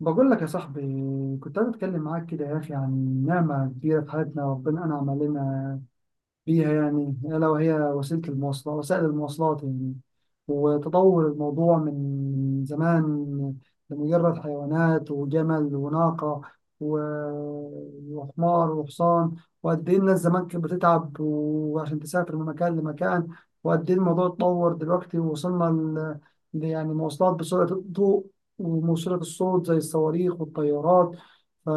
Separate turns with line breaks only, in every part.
بقول لك يا صاحبي، كنت عايز اتكلم معاك كده يا اخي عن نعمه كبيره في حياتنا ربنا انعم علينا فيها، يعني ألا وهي وسيلة المواصلات، وسائل المواصلات يعني. وتطور الموضوع من زمان، لمجرد حيوانات وجمل وناقة و- وحمار وحصان. وقد إيه الناس زمان كانت بتتعب وعشان تسافر من مكان لمكان، وقد إيه الموضوع اتطور دلوقتي ووصلنا يعني مواصلات بسرعة الضوء وموصلة الصوت زي الصواريخ والطيارات. ف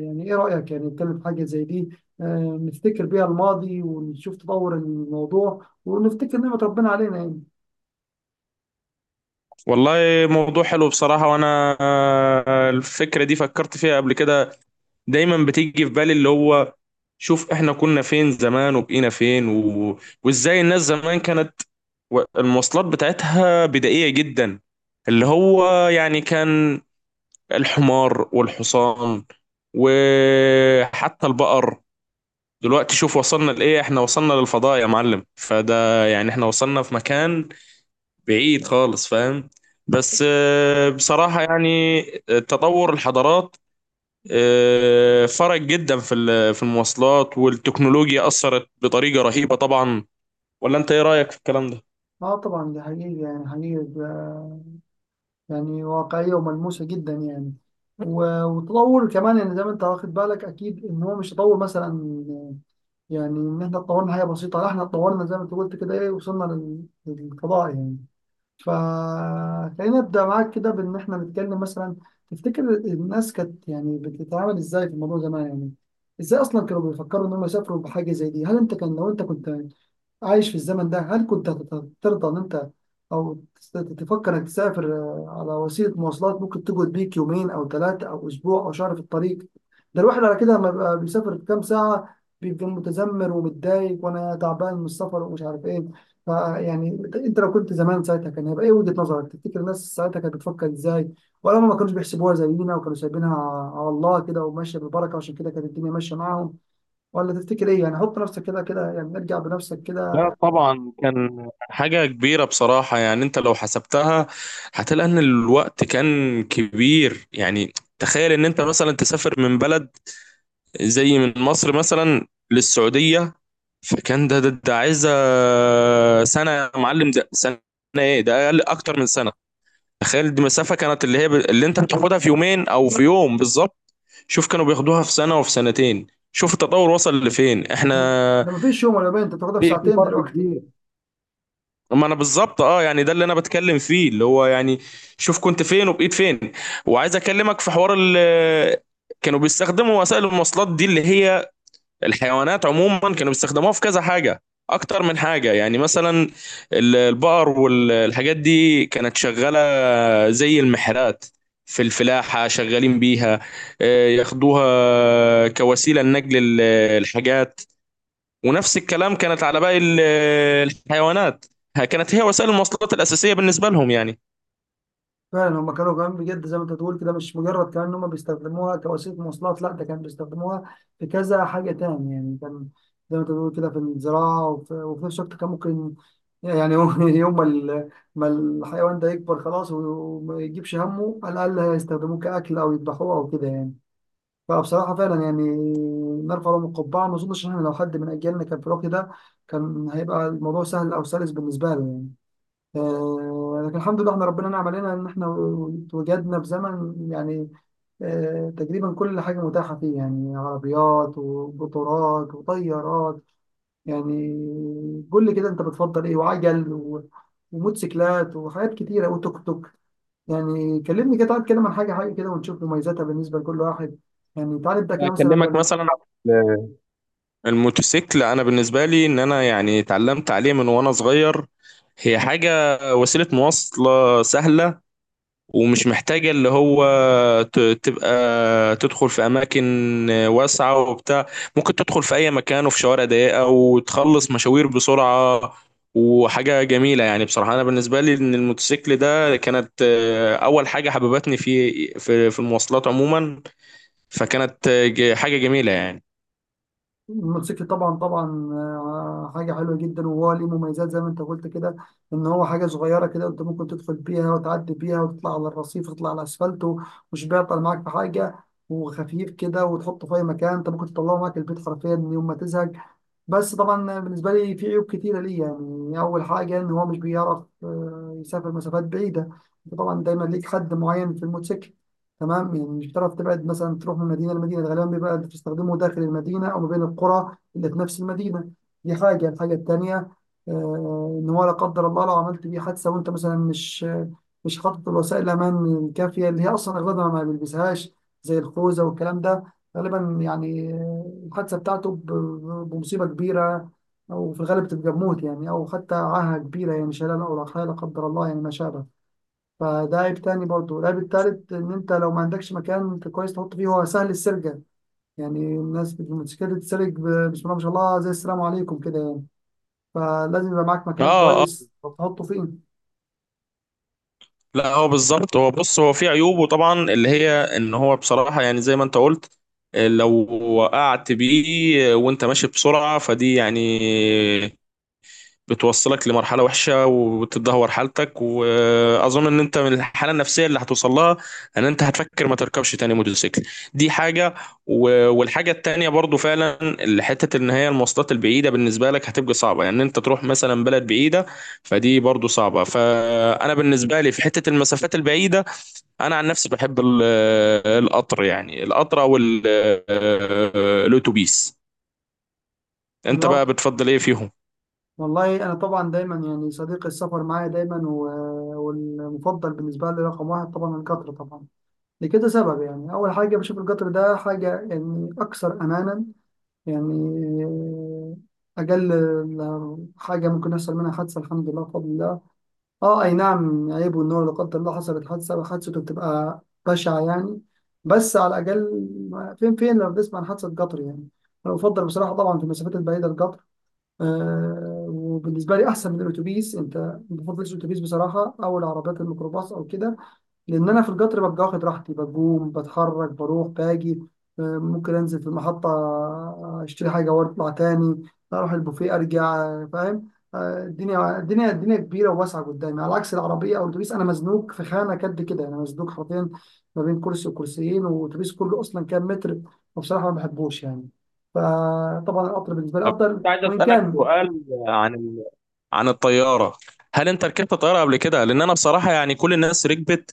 يعني إيه رأيك يعني نتكلم في حاجة زي دي، نفتكر بيها الماضي ونشوف تطور الموضوع ونفتكر نعمة ربنا علينا يعني.
والله، موضوع حلو بصراحة وأنا الفكرة دي فكرت فيها قبل كده. دايما بتيجي في بالي اللي هو، شوف إحنا كنا فين زمان وبقينا فين وإزاي الناس زمان كانت، المواصلات بتاعتها بدائية جدا. اللي هو يعني كان الحمار والحصان وحتى البقر. دلوقتي شوف وصلنا لإيه، إحنا وصلنا للفضاء يا معلم، فده يعني إحنا وصلنا في مكان بعيد خالص، فاهم؟ بس بصراحة يعني تطور الحضارات، فرق جدا في في المواصلات والتكنولوجيا أثرت بطريقة رهيبة طبعا. ولا أنت إيه رأيك في الكلام ده؟
اه طبعا دي حقيقة يعني، حقيقة ده يعني واقعية وملموسة جدا يعني. و- وتطور كمان يعني زي ما انت واخد بالك اكيد ان هو مش تطور مثلا يعني ان احنا اتطورنا حاجة بسيطة، لا احنا اتطورنا زي ما انت قلت كده ايه وصلنا لل- للقضاء يعني. فخلينا نبدأ معاك كده بإن إحنا نتكلم مثلا، تفتكر الناس كانت يعني بتتعامل إزاي في الموضوع زمان يعني، إزاي أصلا كانوا بيفكروا إن هم يسافروا بحاجة زي دي؟ هل أنت كان لو أنت كنت عايش في الزمن ده هل كنت ترضى ان انت او تفكر انك تسافر على وسيله مواصلات ممكن تقعد بيك يومين او 3 او اسبوع او شهر في الطريق؟ ده الواحد على كده لما بيبقى بيسافر في كام ساعه بيبقى متذمر ومتضايق وانا تعبان من السفر ومش عارف ايه. فيعني انت، إنت لو كنت زمان ساعتها كان هيبقى ايه وجهه نظرك؟ تفتكر الناس ساعتها كانت بتفكر ازاي؟ ولا هم ما كانوش بيحسبوها زينا وكانوا سايبينها على الله كده وماشيه بالبركه عشان كده كانت الدنيا ماشيه معاهم؟ ولا تفتكر ايه يعني؟ حط نفسك كده كده يعني، ارجع بنفسك كده.
لا طبعا، كان حاجة كبيرة بصراحة يعني. أنت لو حسبتها هتلاقي إن الوقت كان كبير يعني. تخيل إن أنت مثلا تسافر من بلد، زي من مصر مثلا للسعودية، فكان ده عايزه سنه يا معلم، ده سنه، ايه ده، اقل اكتر من سنه. تخيل دي مسافه كانت اللي هي اللي انت بتاخدها في يومين او في يوم بالظبط، شوف كانوا بياخدوها في سنه وفي سنتين. شوف التطور وصل لفين احنا.
ده مفيش يوم ولا يومين، انت بتاخدها في
في
ساعتين
فرق
دلوقتي.
كبير. ما انا بالظبط اه، يعني ده اللي انا بتكلم فيه، اللي هو يعني شوف كنت فين وبقيت فين. وعايز اكلمك في حوار ال، كانوا بيستخدموا وسائل المواصلات دي اللي هي الحيوانات عموما، كانوا بيستخدموها في كذا حاجة، أكتر من حاجة يعني. مثلا البقر والحاجات دي كانت شغالة زي المحرات في الفلاحة، شغالين بيها، ياخدوها كوسيلة لنقل الحاجات. ونفس الكلام كانت على باقي الحيوانات، كانت هي وسائل المواصلات الأساسية بالنسبة لهم يعني.
فعلا هم كانوا كمان بجد زي ما انت بتقول كده مش مجرد كمان ان هم بيستخدموها كوسيله مواصلات، لا ده كانوا بيستخدموها في كذا حاجه تاني يعني. كان زي ما انت بتقول كده في الزراعه وفي, وفي نفس الوقت كان ممكن يعني يوم يوم ما ال- ما الحيوان ده يكبر خلاص وما يجيبش همه على الاقل هيستخدموه كاكل او يذبحوه او كده يعني. فبصراحه فعلا يعني نرفع لهم القبعه، ما اظنش ان احنا لو حد من اجيالنا كان في الوقت ده كان هيبقى الموضوع سهل او سلس بالنسبه له يعني. لكن الحمد لله احنا ربنا نعم علينا ان احنا اتوجدنا في زمن يعني تقريبا كل حاجه متاحه فيه يعني عربيات وقطارات وطيارات يعني. قول لي كده انت بتفضل ايه، وعجل و- وموتوسيكلات وحاجات كتيره وتوك توك يعني. كلمني كده، تعال كده عن حاجه حاجه كده ونشوف مميزاتها بالنسبه لكل واحد يعني. تعال نبدا كده
أكلمك
مثلا.
مثلا الموتوسيكل، انا بالنسبه لي ان انا يعني اتعلمت عليه من وانا صغير. هي حاجه، وسيله مواصله سهله، ومش محتاجه اللي هو تبقى تدخل في اماكن واسعه وبتاع، ممكن تدخل في اي مكان وفي شوارع ضيقه، وتخلص مشاوير بسرعه. وحاجه جميله يعني، بصراحه انا بالنسبه لي ان الموتوسيكل ده كانت اول حاجه حببتني في في المواصلات عموما، فكانت حاجه جميله يعني.
الموتوسيكل طبعا طبعا، حاجة حلوة جدا وهو ليه مميزات زي ما انت قلت كده ان هو حاجة صغيرة كده انت ممكن تدخل بيها وتعدي بيها وتطلع على الرصيف وتطلع على الاسفلت و- ومش بيعطل معاك في حاجة، وخفيف كده وتحطه في اي مكان، انت ممكن تطلعه معاك البيت حرفيا يوم ما تزهق. بس طبعا بالنسبة لي في عيوب كتيرة ليه يعني. أول حاجة إن هو مش بيعرف يسافر مسافات بعيدة، أنت طبعا دايما ليك حد معين في الموتوسيكل، تمام؟ يعني مش بتعرف تبعد مثلا تروح من مدينة لمدينة، غالبا بيبقى بتستخدمه داخل المدينة أو ما بين القرى اللي في نفس المدينة. دي حاجة. الحاجة التانية إن هو لا قدر الله لو عملت بيه حادثة وأنت مثلا مش حاطط الوسائل الأمان الكافية، اللي هي أصلا أغلبها ما بيلبسهاش زي الخوذة والكلام ده، غالبا يعني الحادثة بتاعته ب- ب- بمصيبة كبيرة أو في الغالب بتبقى بموت يعني، أو حتى عاهة كبيرة يعني شلال أو لا قدر لا قدر الله يعني ما شابه. فده عيب تاني برضه. العيب التالت إن أنت لو ما عندكش مكان كويس تحط فيه هو سهل السرقة، يعني الناس بتتسرق ب- بسم الله ما شاء الله زي السلام عليكم كده يعني. فلازم يبقى معاك مكان
اه، اه،
كويس تحطه فيه.
لا هو بالظبط. هو بص، هو في عيوبه طبعا اللي هي ان هو بصراحة يعني، زي ما انت قلت، لو وقعت بيه وانت ماشي بسرعة، فدي يعني بتوصلك لمرحلة وحشة، وبتدهور حالتك، وأظن إن أنت من الحالة النفسية اللي هتوصل لها إن أنت هتفكر ما تركبش تاني موتوسيكل. دي حاجة. والحاجة التانية برضو فعلا اللي حتة إن هي المواصلات البعيدة بالنسبة لك هتبقى صعبة، يعني إن أنت تروح مثلا بلد بعيدة فدي برضو صعبة. فأنا بالنسبة لي في حتة المسافات البعيدة، أنا عن نفسي بحب القطر، يعني القطر أو الأتوبيس. أنت بقى
الأرض.
بتفضل إيه فيهم؟
والله أنا طبعا دايما يعني صديق السفر معايا دايما، و- والمفضل بالنسبة لي رقم واحد طبعا القطر طبعا. لكده سبب يعني، أول حاجة بشوف القطر ده حاجة يعني أكثر أمانا يعني. أقل حاجة ممكن يحصل منها حادثة الحمد لله بفضل الله. أه أي نعم عيب والنور لا قدر الله حصلت حادثة وحادثته بتبقى بشعة يعني، بس على الأقل فين فين لو بنسمع عن حادثة قطر يعني. أنا بفضل بصراحة طبعا في المسافات البعيدة القطر. أه وبالنسبة لي أحسن من الأتوبيس، أنت ما بفضلش الأتوبيس بصراحة، أو العربيات الميكروباص أو كده. لان انا في القطر ببقى واخد راحتي، بقوم بتحرك بروح باجي، ممكن انزل في المحطه اشتري حاجه واطلع تاني، اروح البوفيه ارجع، فاهم؟ الدنيا الدنيا الدنيا كبيره وواسعه قدامي، على عكس العربيه او الاتوبيس انا مزنوق في خانه قد كده، انا مزنوق حرفيا ما بين كرسي وكرسيين، والاتوبيس كله اصلا كام متر. وبصراحه ما بحبوش يعني. فطبعا القطر بالنسبه لي
طب
افضل،
كنت عايز
وان
اسالك
كان
سؤال عن، عن الطيارة. هل انت ركبت طيارة قبل كده؟ لان انا بصراحة يعني كل الناس ركبت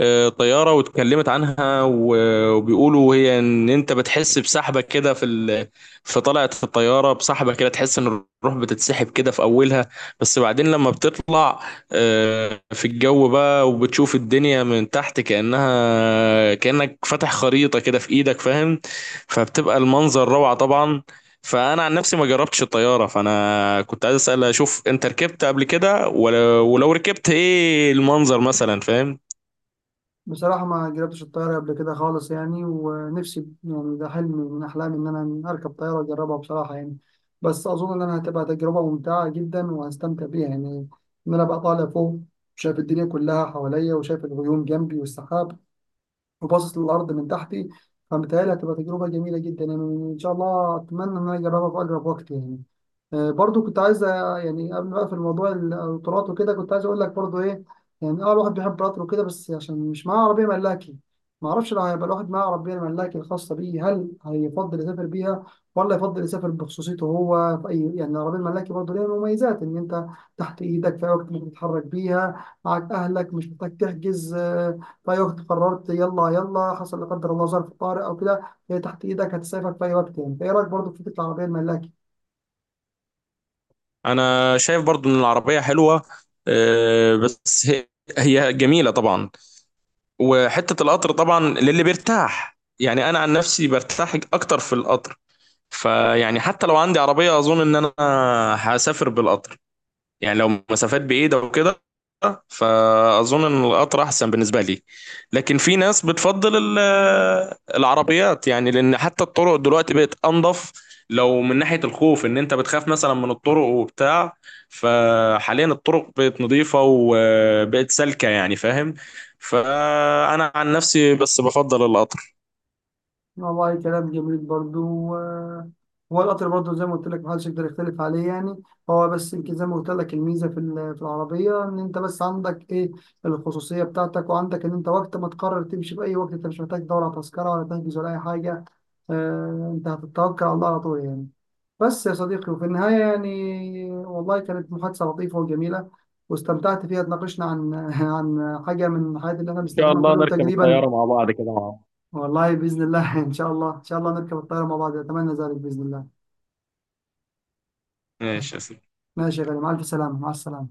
طيارة واتكلمت عنها، وبيقولوا هي ان انت بتحس بسحبة كده في في طلعة الطيارة بسحبة كده، تحس ان الروح بتتسحب كده في اولها، بس بعدين لما بتطلع في الجو بقى، وبتشوف الدنيا من تحت كأنها، كأنك فاتح خريطة كده في ايدك، فاهم؟ فبتبقى المنظر روعة طبعا. فانا عن نفسي ما جربتش الطياره، فانا كنت عايز اسال اشوف انت ركبت قبل كده ولو ركبت ايه المنظر مثلا، فاهم؟
بصراحة ما جربتش الطيارة قبل كده خالص يعني، ونفسي يعني ده حلم من أحلامي إن أنا أركب طيارة أجربها بصراحة يعني. بس أظن إن أنا هتبقى تجربة ممتعة جدا وهستمتع بيها يعني، إن أنا بقى طالع فوق شايف الدنيا كلها حواليا وشايف الغيوم جنبي والسحاب وباصص للأرض من تحتي، فمتهيألي هتبقى تجربة جميلة جدا يعني. إن شاء الله أتمنى إن أنا أجربها في أقرب وقت يعني. برضو كنت عايز يعني قبل ما اقفل موضوع القطارات وكده كنت عايز اقول لك برضو ايه يعني. اه الواحد بيحب قطر وكده بس عشان مش معاه عربيه ملاكي، ما اعرفش لو هيبقى الواحد معاه عربيه ملاكي الخاصه بيه هل هيفضل يسافر بيها ولا يفضل يسافر بخصوصيته هو في اي يعني. العربيه الملاكي برضو ليها مميزات ان انت تحت ايدك في اي وقت ممكن تتحرك بيها، معاك اهلك مش محتاج تحجز، في اي وقت قررت يلا يلا حصل لا قدر الله ظرف طارئ او كده هي تحت ايدك هتسافر في اي وقت يعني. فايه رايك برضو في فكره العربيه الملاكي؟
انا شايف برضو ان العربيه حلوه، بس هي، هي جميله طبعا. وحته القطر طبعا للي بيرتاح يعني، انا عن نفسي برتاح اكتر في القطر. فيعني حتى لو عندي عربيه اظن ان انا هسافر بالقطر، يعني لو مسافات بعيدة وكده، فأظن إن القطر أحسن بالنسبة لي. لكن في ناس بتفضل العربيات، يعني لأن حتى الطرق دلوقتي بقت أنظف. لو من ناحية الخوف إن أنت بتخاف مثلا من الطرق وبتاع، فحاليا الطرق بقت نظيفة وبقت سالكة يعني، فاهم؟ فأنا عن نفسي بس بفضل القطر.
والله كلام جميل برضو، هو القطر برضو زي ما قلت لك محدش يقدر يختلف عليه يعني. هو بس يمكن زي ما قلت لك الميزة في ال- في العربية إن أنت بس عندك إيه، الخصوصية بتاعتك، وعندك إن أنت وقت ما تقرر تمشي في أي وقت أنت مش محتاج تدور على تذكرة ولا تحجز ولا أي حاجة، أنت هتتوكل على الله على طول يعني. بس يا صديقي وفي النهاية يعني والله كانت محادثة لطيفة وجميلة واستمتعت فيها، اتناقشنا عن عن حاجة من الحاجات اللي احنا
ان شاء
بنستخدمها كل
الله
يوم
نركب
تقريبا.
الطياره مع بعض كده، مع بعض.
والله باذن الله ان شاء الله ان شاء الله نركب الطياره مع بعض، اتمنى ذلك باذن الله.
ماشي يا سيدي.
ماشي يا غالي، مع الف سلامه، مع السلامه.